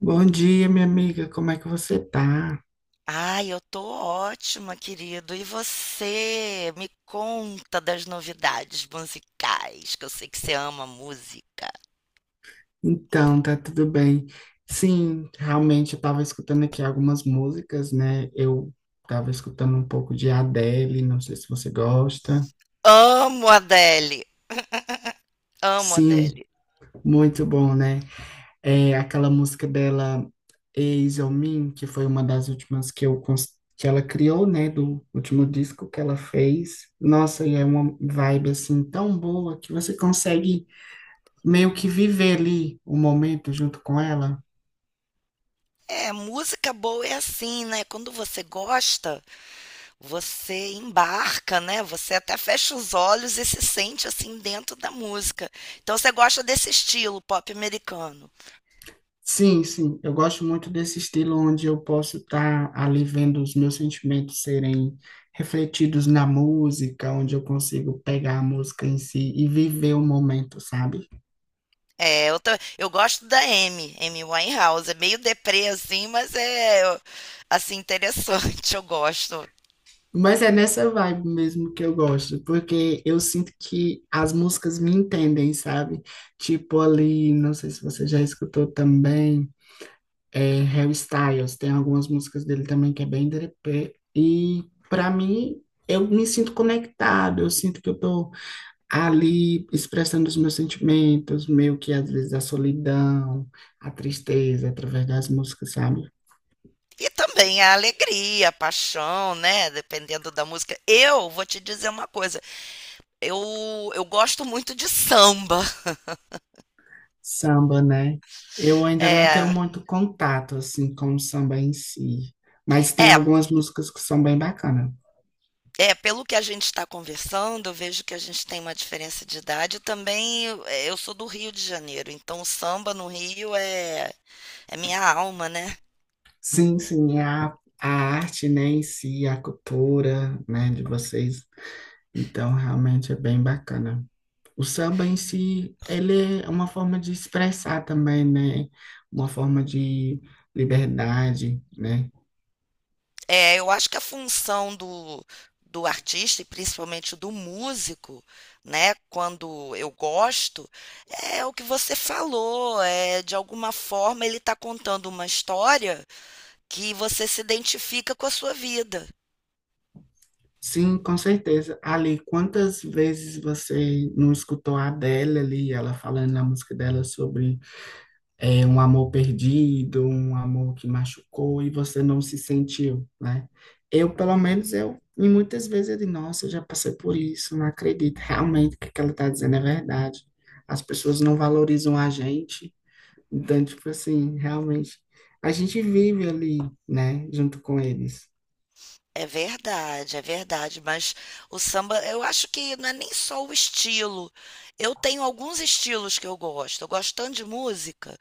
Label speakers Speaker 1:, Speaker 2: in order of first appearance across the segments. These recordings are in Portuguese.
Speaker 1: Bom dia, minha amiga. Como é que você tá?
Speaker 2: Ai, eu tô ótima, querido. E você? Me conta das novidades musicais, que eu sei que você ama música.
Speaker 1: Então, tá tudo bem. Sim, realmente eu tava escutando aqui algumas músicas, né? Eu tava escutando um pouco de Adele, não sei se você gosta.
Speaker 2: Amo Adele, amo
Speaker 1: Sim,
Speaker 2: Adele.
Speaker 1: muito bom, né? É aquela música dela, Eyes on Me, que foi uma das últimas que que ela criou, né, do último disco que ela fez. Nossa, e é uma vibe assim tão boa que você consegue meio que viver ali o momento junto com ela.
Speaker 2: É, música boa é assim, né? Quando você gosta, você embarca, né? Você até fecha os olhos e se sente assim dentro da música. Então você gosta desse estilo pop americano.
Speaker 1: Sim, eu gosto muito desse estilo onde eu posso estar ali vendo os meus sentimentos serem refletidos na música, onde eu consigo pegar a música em si e viver o momento, sabe?
Speaker 2: É, eu gosto da Amy, Amy Winehouse. É meio deprê, assim, assim, interessante, eu gosto.
Speaker 1: Mas é nessa vibe mesmo que eu gosto, porque eu sinto que as músicas me entendem, sabe? Tipo ali, não sei se você já escutou também. Harry Styles, tem algumas músicas dele também que é bem derepé. E para mim, eu me sinto conectado, eu sinto que eu tô ali expressando os meus sentimentos, meio que às vezes a solidão, a tristeza, através das músicas, sabe?
Speaker 2: E também a alegria, a paixão, né? Dependendo da música. Eu vou te dizer uma coisa. Eu gosto muito de samba.
Speaker 1: Samba, né? Eu ainda não tenho
Speaker 2: É,
Speaker 1: muito contato assim com o samba em si, mas tem
Speaker 2: é,
Speaker 1: algumas músicas que são bem bacanas.
Speaker 2: é, pelo que a gente está conversando, eu vejo que a gente tem uma diferença de idade. Também eu sou do Rio de Janeiro, então o samba no Rio é minha alma, né?
Speaker 1: Sim, sim, é a arte, né, em si, a cultura, né, de vocês. Então, realmente é bem bacana. O samba em si, ele é uma forma de expressar também, né? Uma forma de liberdade, né?
Speaker 2: É, eu acho que a função do artista e principalmente do músico, né, quando eu gosto, é o que você falou, é de alguma forma ele está contando uma história que você se identifica com a sua vida.
Speaker 1: Sim, com certeza. Ali, quantas vezes você não escutou a Adele ali, ela falando na música dela sobre um amor perdido, um amor que machucou e você não se sentiu, né? Eu, pelo menos, e muitas vezes eu digo, nossa, eu já passei por isso, não acredito, realmente que o que ela está dizendo é verdade. As pessoas não valorizam a gente, então, tipo assim, realmente, a gente vive ali, né, junto com eles.
Speaker 2: É verdade, mas o samba, eu acho que não é nem só o estilo. Eu tenho alguns estilos que eu gosto. Eu gosto tanto de música.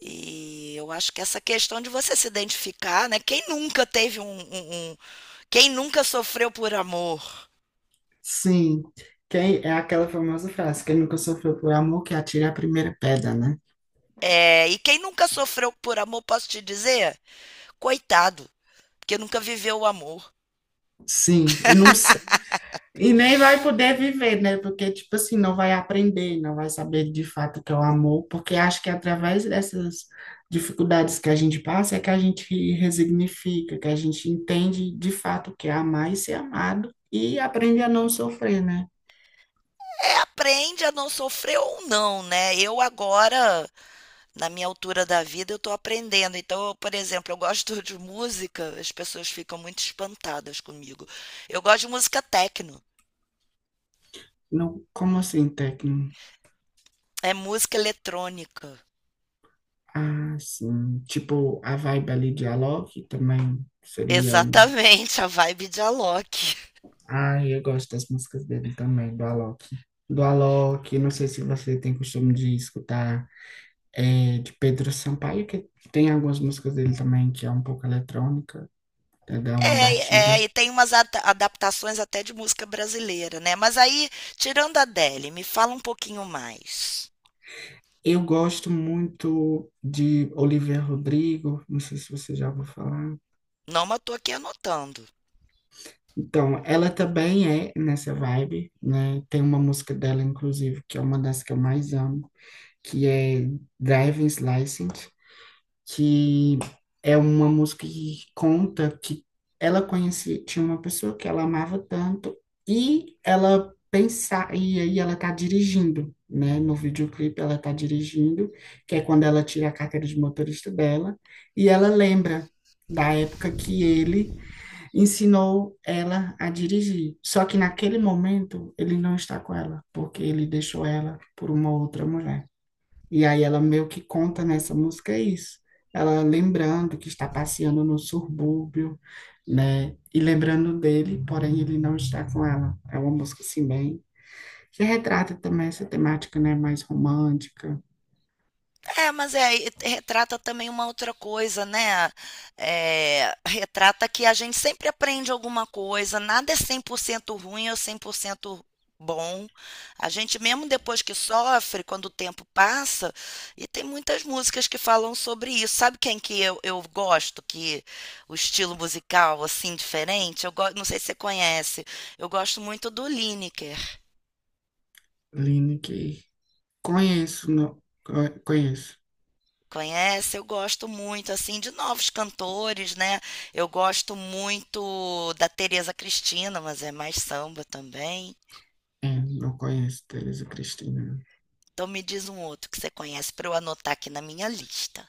Speaker 2: E eu acho que essa questão de você se identificar, né? Quem nunca teve um, um- um- Quem nunca sofreu por amor?
Speaker 1: Sim, quem, é aquela famosa frase, quem nunca sofreu por amor, que atire a primeira pedra, né?
Speaker 2: É, e quem nunca sofreu por amor, posso te dizer, coitado, porque nunca viveu o amor.
Speaker 1: Sim, e nem vai poder viver, né? Porque, tipo assim, não vai aprender, não vai saber de fato o que é o amor, porque acho que é através dessas dificuldades que a gente passa é que a gente resignifica, que a gente entende de fato o que é amar e ser amado e aprende a não sofrer, né?
Speaker 2: É, aprende a não sofrer ou não, né? Eu agora, na minha altura da vida, eu tô aprendendo. Então, eu, por exemplo, eu gosto de música, as pessoas ficam muito espantadas comigo. Eu gosto de música techno,
Speaker 1: Não, como assim, técnico?
Speaker 2: é música eletrônica.
Speaker 1: Assim, tipo, a vibe ali de Alok também seria um.
Speaker 2: Exatamente, a vibe de Alok.
Speaker 1: Ah, eu gosto das músicas dele também, do Alok. Do Alok, não sei se você tem costume de escutar. De Pedro Sampaio, que tem algumas músicas dele também, que é um pouco eletrônica, né, dá uma
Speaker 2: É, é,
Speaker 1: batida.
Speaker 2: e tem umas adaptações até de música brasileira, né? Mas aí, tirando a Adele, me fala um pouquinho mais.
Speaker 1: Eu gosto muito de Olivia Rodrigo, não sei se você já ouviu falar.
Speaker 2: Não, mas eu tô aqui anotando.
Speaker 1: Então, ela também é nessa vibe, né? Tem uma música dela, inclusive, que é uma das que eu mais amo, que é Driving License, que é uma música que conta que ela conhecia, tinha uma pessoa que ela amava tanto e ela pensar e aí ela tá dirigindo, né? No videoclipe ela tá dirigindo, que é quando ela tira a carteira de motorista dela e ela lembra da época que ele ensinou ela a dirigir. Só que naquele momento ele não está com ela, porque ele deixou ela por uma outra mulher. E aí ela meio que conta nessa música é isso. Ela lembrando que está passeando no subúrbio, né? E lembrando dele, porém ele não está com ela. É uma música assim bem que retrata também essa temática, né, mais romântica.
Speaker 2: É, mas é, e retrata também uma outra coisa, né? Eh, retrata que a gente sempre aprende alguma coisa, nada é 100% ruim ou 100% bom. A gente, mesmo depois que sofre, quando o tempo passa, e tem muitas músicas que falam sobre isso. Sabe quem que eu gosto, que o estilo musical, assim, diferente? Não sei se você conhece, eu gosto muito do Lineker.
Speaker 1: Aline que conheço, não, co- conheço.
Speaker 2: Conhece? Eu gosto muito, assim, de novos cantores, né? Eu gosto muito da Tereza Cristina, mas é mais samba também.
Speaker 1: É, não conheço Teresa Cristina.
Speaker 2: Então me diz um outro que você conhece para eu anotar aqui na minha lista.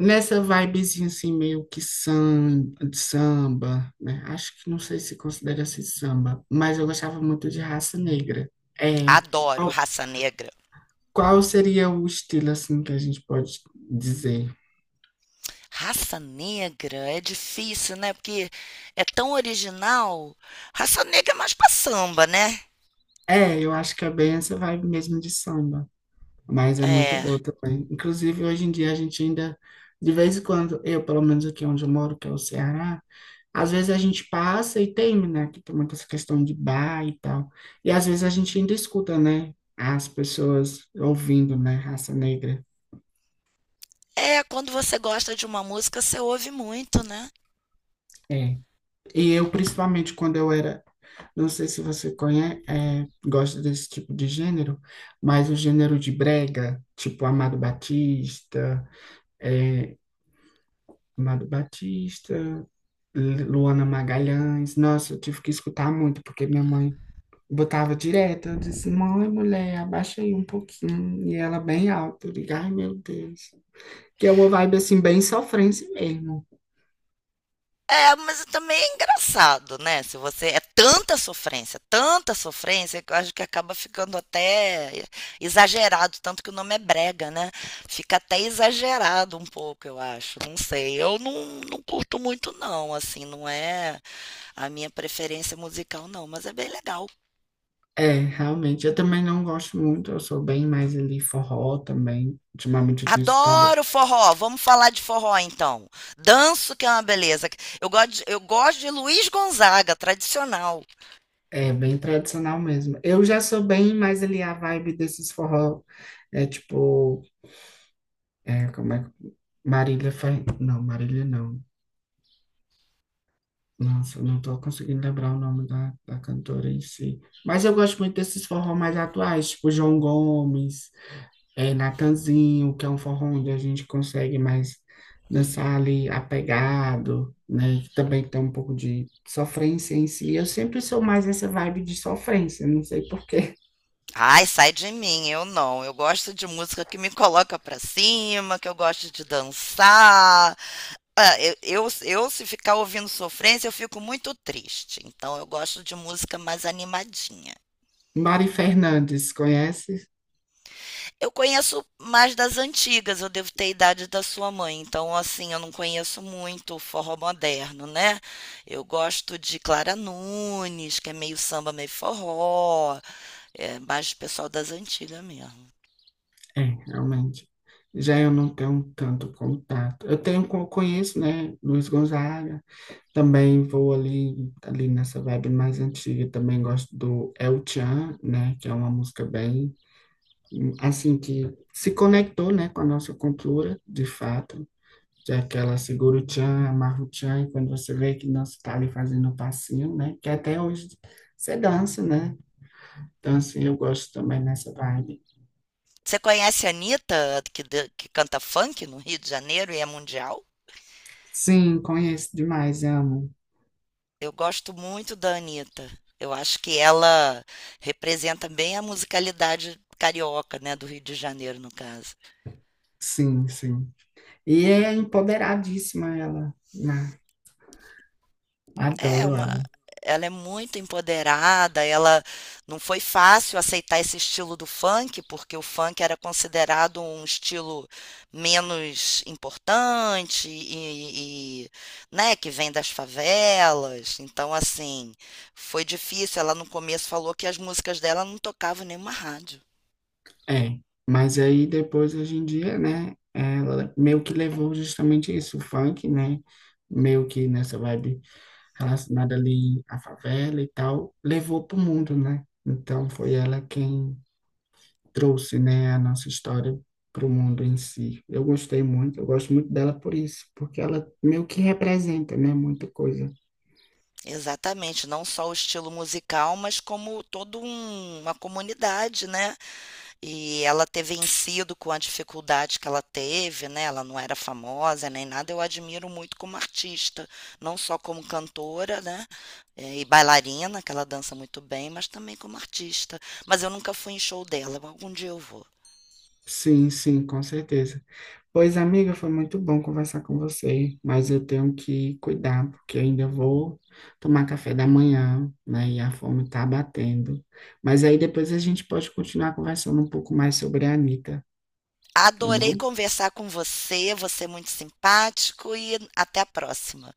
Speaker 1: Nessa vibezinha assim, meio que de samba, né? Acho que não sei se considera-se samba, mas eu gostava muito de Raça Negra. É,
Speaker 2: Adoro
Speaker 1: qual,
Speaker 2: Raça Negra.
Speaker 1: qual seria o estilo assim que a gente pode dizer?
Speaker 2: Raça Negra é difícil, né? Porque é tão original. Raça Negra é mais pra samba, né?
Speaker 1: É, eu acho que é bem essa vibe mesmo de samba. Mas é muito
Speaker 2: É.
Speaker 1: boa também. Inclusive, hoje em dia a gente ainda, de vez em quando, eu, pelo menos aqui onde eu moro, que é o Ceará, às vezes a gente passa e tem, né, que tem muita essa questão de bar e tal. E às vezes a gente ainda escuta, né, as pessoas ouvindo, né, Raça Negra.
Speaker 2: É, quando você gosta de uma música, você ouve muito, né?
Speaker 1: É. E eu, principalmente quando eu era, não sei se você conhece, é, gosta desse tipo de gênero, mas o gênero de brega, tipo Amado Batista, é, Amado Batista. Luana Magalhães. Nossa, eu tive que escutar muito, porque minha mãe botava direto. Eu disse, mãe, mulher, abaixa aí um pouquinho. E ela bem alto. Eu digo, ai, meu Deus. Que é uma vibe assim, bem sofrência mesmo.
Speaker 2: É, mas também é engraçado, né? Se você é tanta sofrência, que eu acho que acaba ficando até exagerado, tanto que o nome é brega, né? Fica até exagerado um pouco, eu acho. Não sei. Eu não, não curto muito, não, assim, não é a minha preferência musical, não, mas é bem legal.
Speaker 1: É, realmente. Eu também não gosto muito. Eu sou bem mais ali forró também. Ultimamente eu tenho escutado.
Speaker 2: Adoro forró. Vamos falar de forró então. Danço que é uma beleza. Eu gosto de Luiz Gonzaga, tradicional.
Speaker 1: É, bem tradicional mesmo. Eu já sou bem mais ali a vibe desses forró. É tipo. É, como é que. Marília Fer... Não, Marília não. Nossa, eu não estou conseguindo lembrar o nome da cantora em si. Mas eu gosto muito desses forró mais atuais, tipo João Gomes, Natanzinho, que é um forró onde a gente consegue mais dançar ali apegado, né? Que também tem um pouco de sofrência em si. Eu sempre sou mais essa vibe de sofrência, não sei por quê.
Speaker 2: Ai, sai de mim, eu não. Eu gosto de música que me coloca pra cima, que eu gosto de dançar. Ah, se ficar ouvindo sofrência, eu fico muito triste. Então, eu gosto de música mais animadinha.
Speaker 1: Mari Fernandes, conhece?
Speaker 2: Eu conheço mais das antigas, eu devo ter a idade da sua mãe. Então, assim, eu não conheço muito o forró moderno, né? Eu gosto de Clara Nunes, que é meio samba, meio forró. É mais pessoal das antigas mesmo.
Speaker 1: É, realmente. Já eu não tenho tanto contato. Eu tenho, conheço, né, Luiz Gonzaga, também vou ali, ali nessa vibe mais antiga, também gosto do El Chan, né, que é uma música bem, assim, que se conectou, né, com a nossa cultura, de fato, que é aquela Seguro Chan, Amarro Chan, e quando você vê que não está ali fazendo o passinho, né, que até hoje você dança, né, então, assim, eu gosto também nessa vibe.
Speaker 2: Você conhece a Anitta, que, que canta funk no Rio de Janeiro e é mundial?
Speaker 1: Sim, conheço demais, amo,
Speaker 2: Eu gosto muito da Anitta. Eu acho que ela representa bem a musicalidade carioca, né, do Rio de Janeiro, no caso.
Speaker 1: sim, sim, e é empoderadíssima ela, né,
Speaker 2: É
Speaker 1: adoro
Speaker 2: uma,
Speaker 1: ela.
Speaker 2: ela é muito empoderada, ela não foi fácil aceitar esse estilo do funk, porque o funk era considerado um estilo menos importante né, que vem das favelas. Então, assim, foi difícil. Ela no começo falou que as músicas dela não tocavam em nenhuma rádio.
Speaker 1: É, mas aí depois, hoje em dia, né, ela meio que levou justamente isso, o funk, né, meio que nessa vibe relacionada ali à favela e tal, levou pro mundo, né? Então foi ela quem trouxe, né, a nossa história pro mundo em si. Eu gostei muito, eu gosto muito dela por isso, porque ela meio que representa, né, muita coisa.
Speaker 2: Exatamente, não só o estilo musical, mas como toda uma comunidade, né? E ela ter vencido com a dificuldade que ela teve, né? Ela não era famosa nem nada. Eu admiro muito como artista, não só como cantora, né? E bailarina, que ela dança muito bem, mas também como artista. Mas eu nunca fui em show dela. Algum dia eu vou.
Speaker 1: Sim, sim, com certeza. Pois, amiga, foi muito bom conversar com você, mas eu tenho que cuidar, porque eu ainda vou tomar café da manhã, né? E a fome tá batendo. Mas aí depois a gente pode continuar conversando um pouco mais sobre a Anitta, tá
Speaker 2: Adorei
Speaker 1: bom?
Speaker 2: conversar com você, você é muito simpático e até a próxima.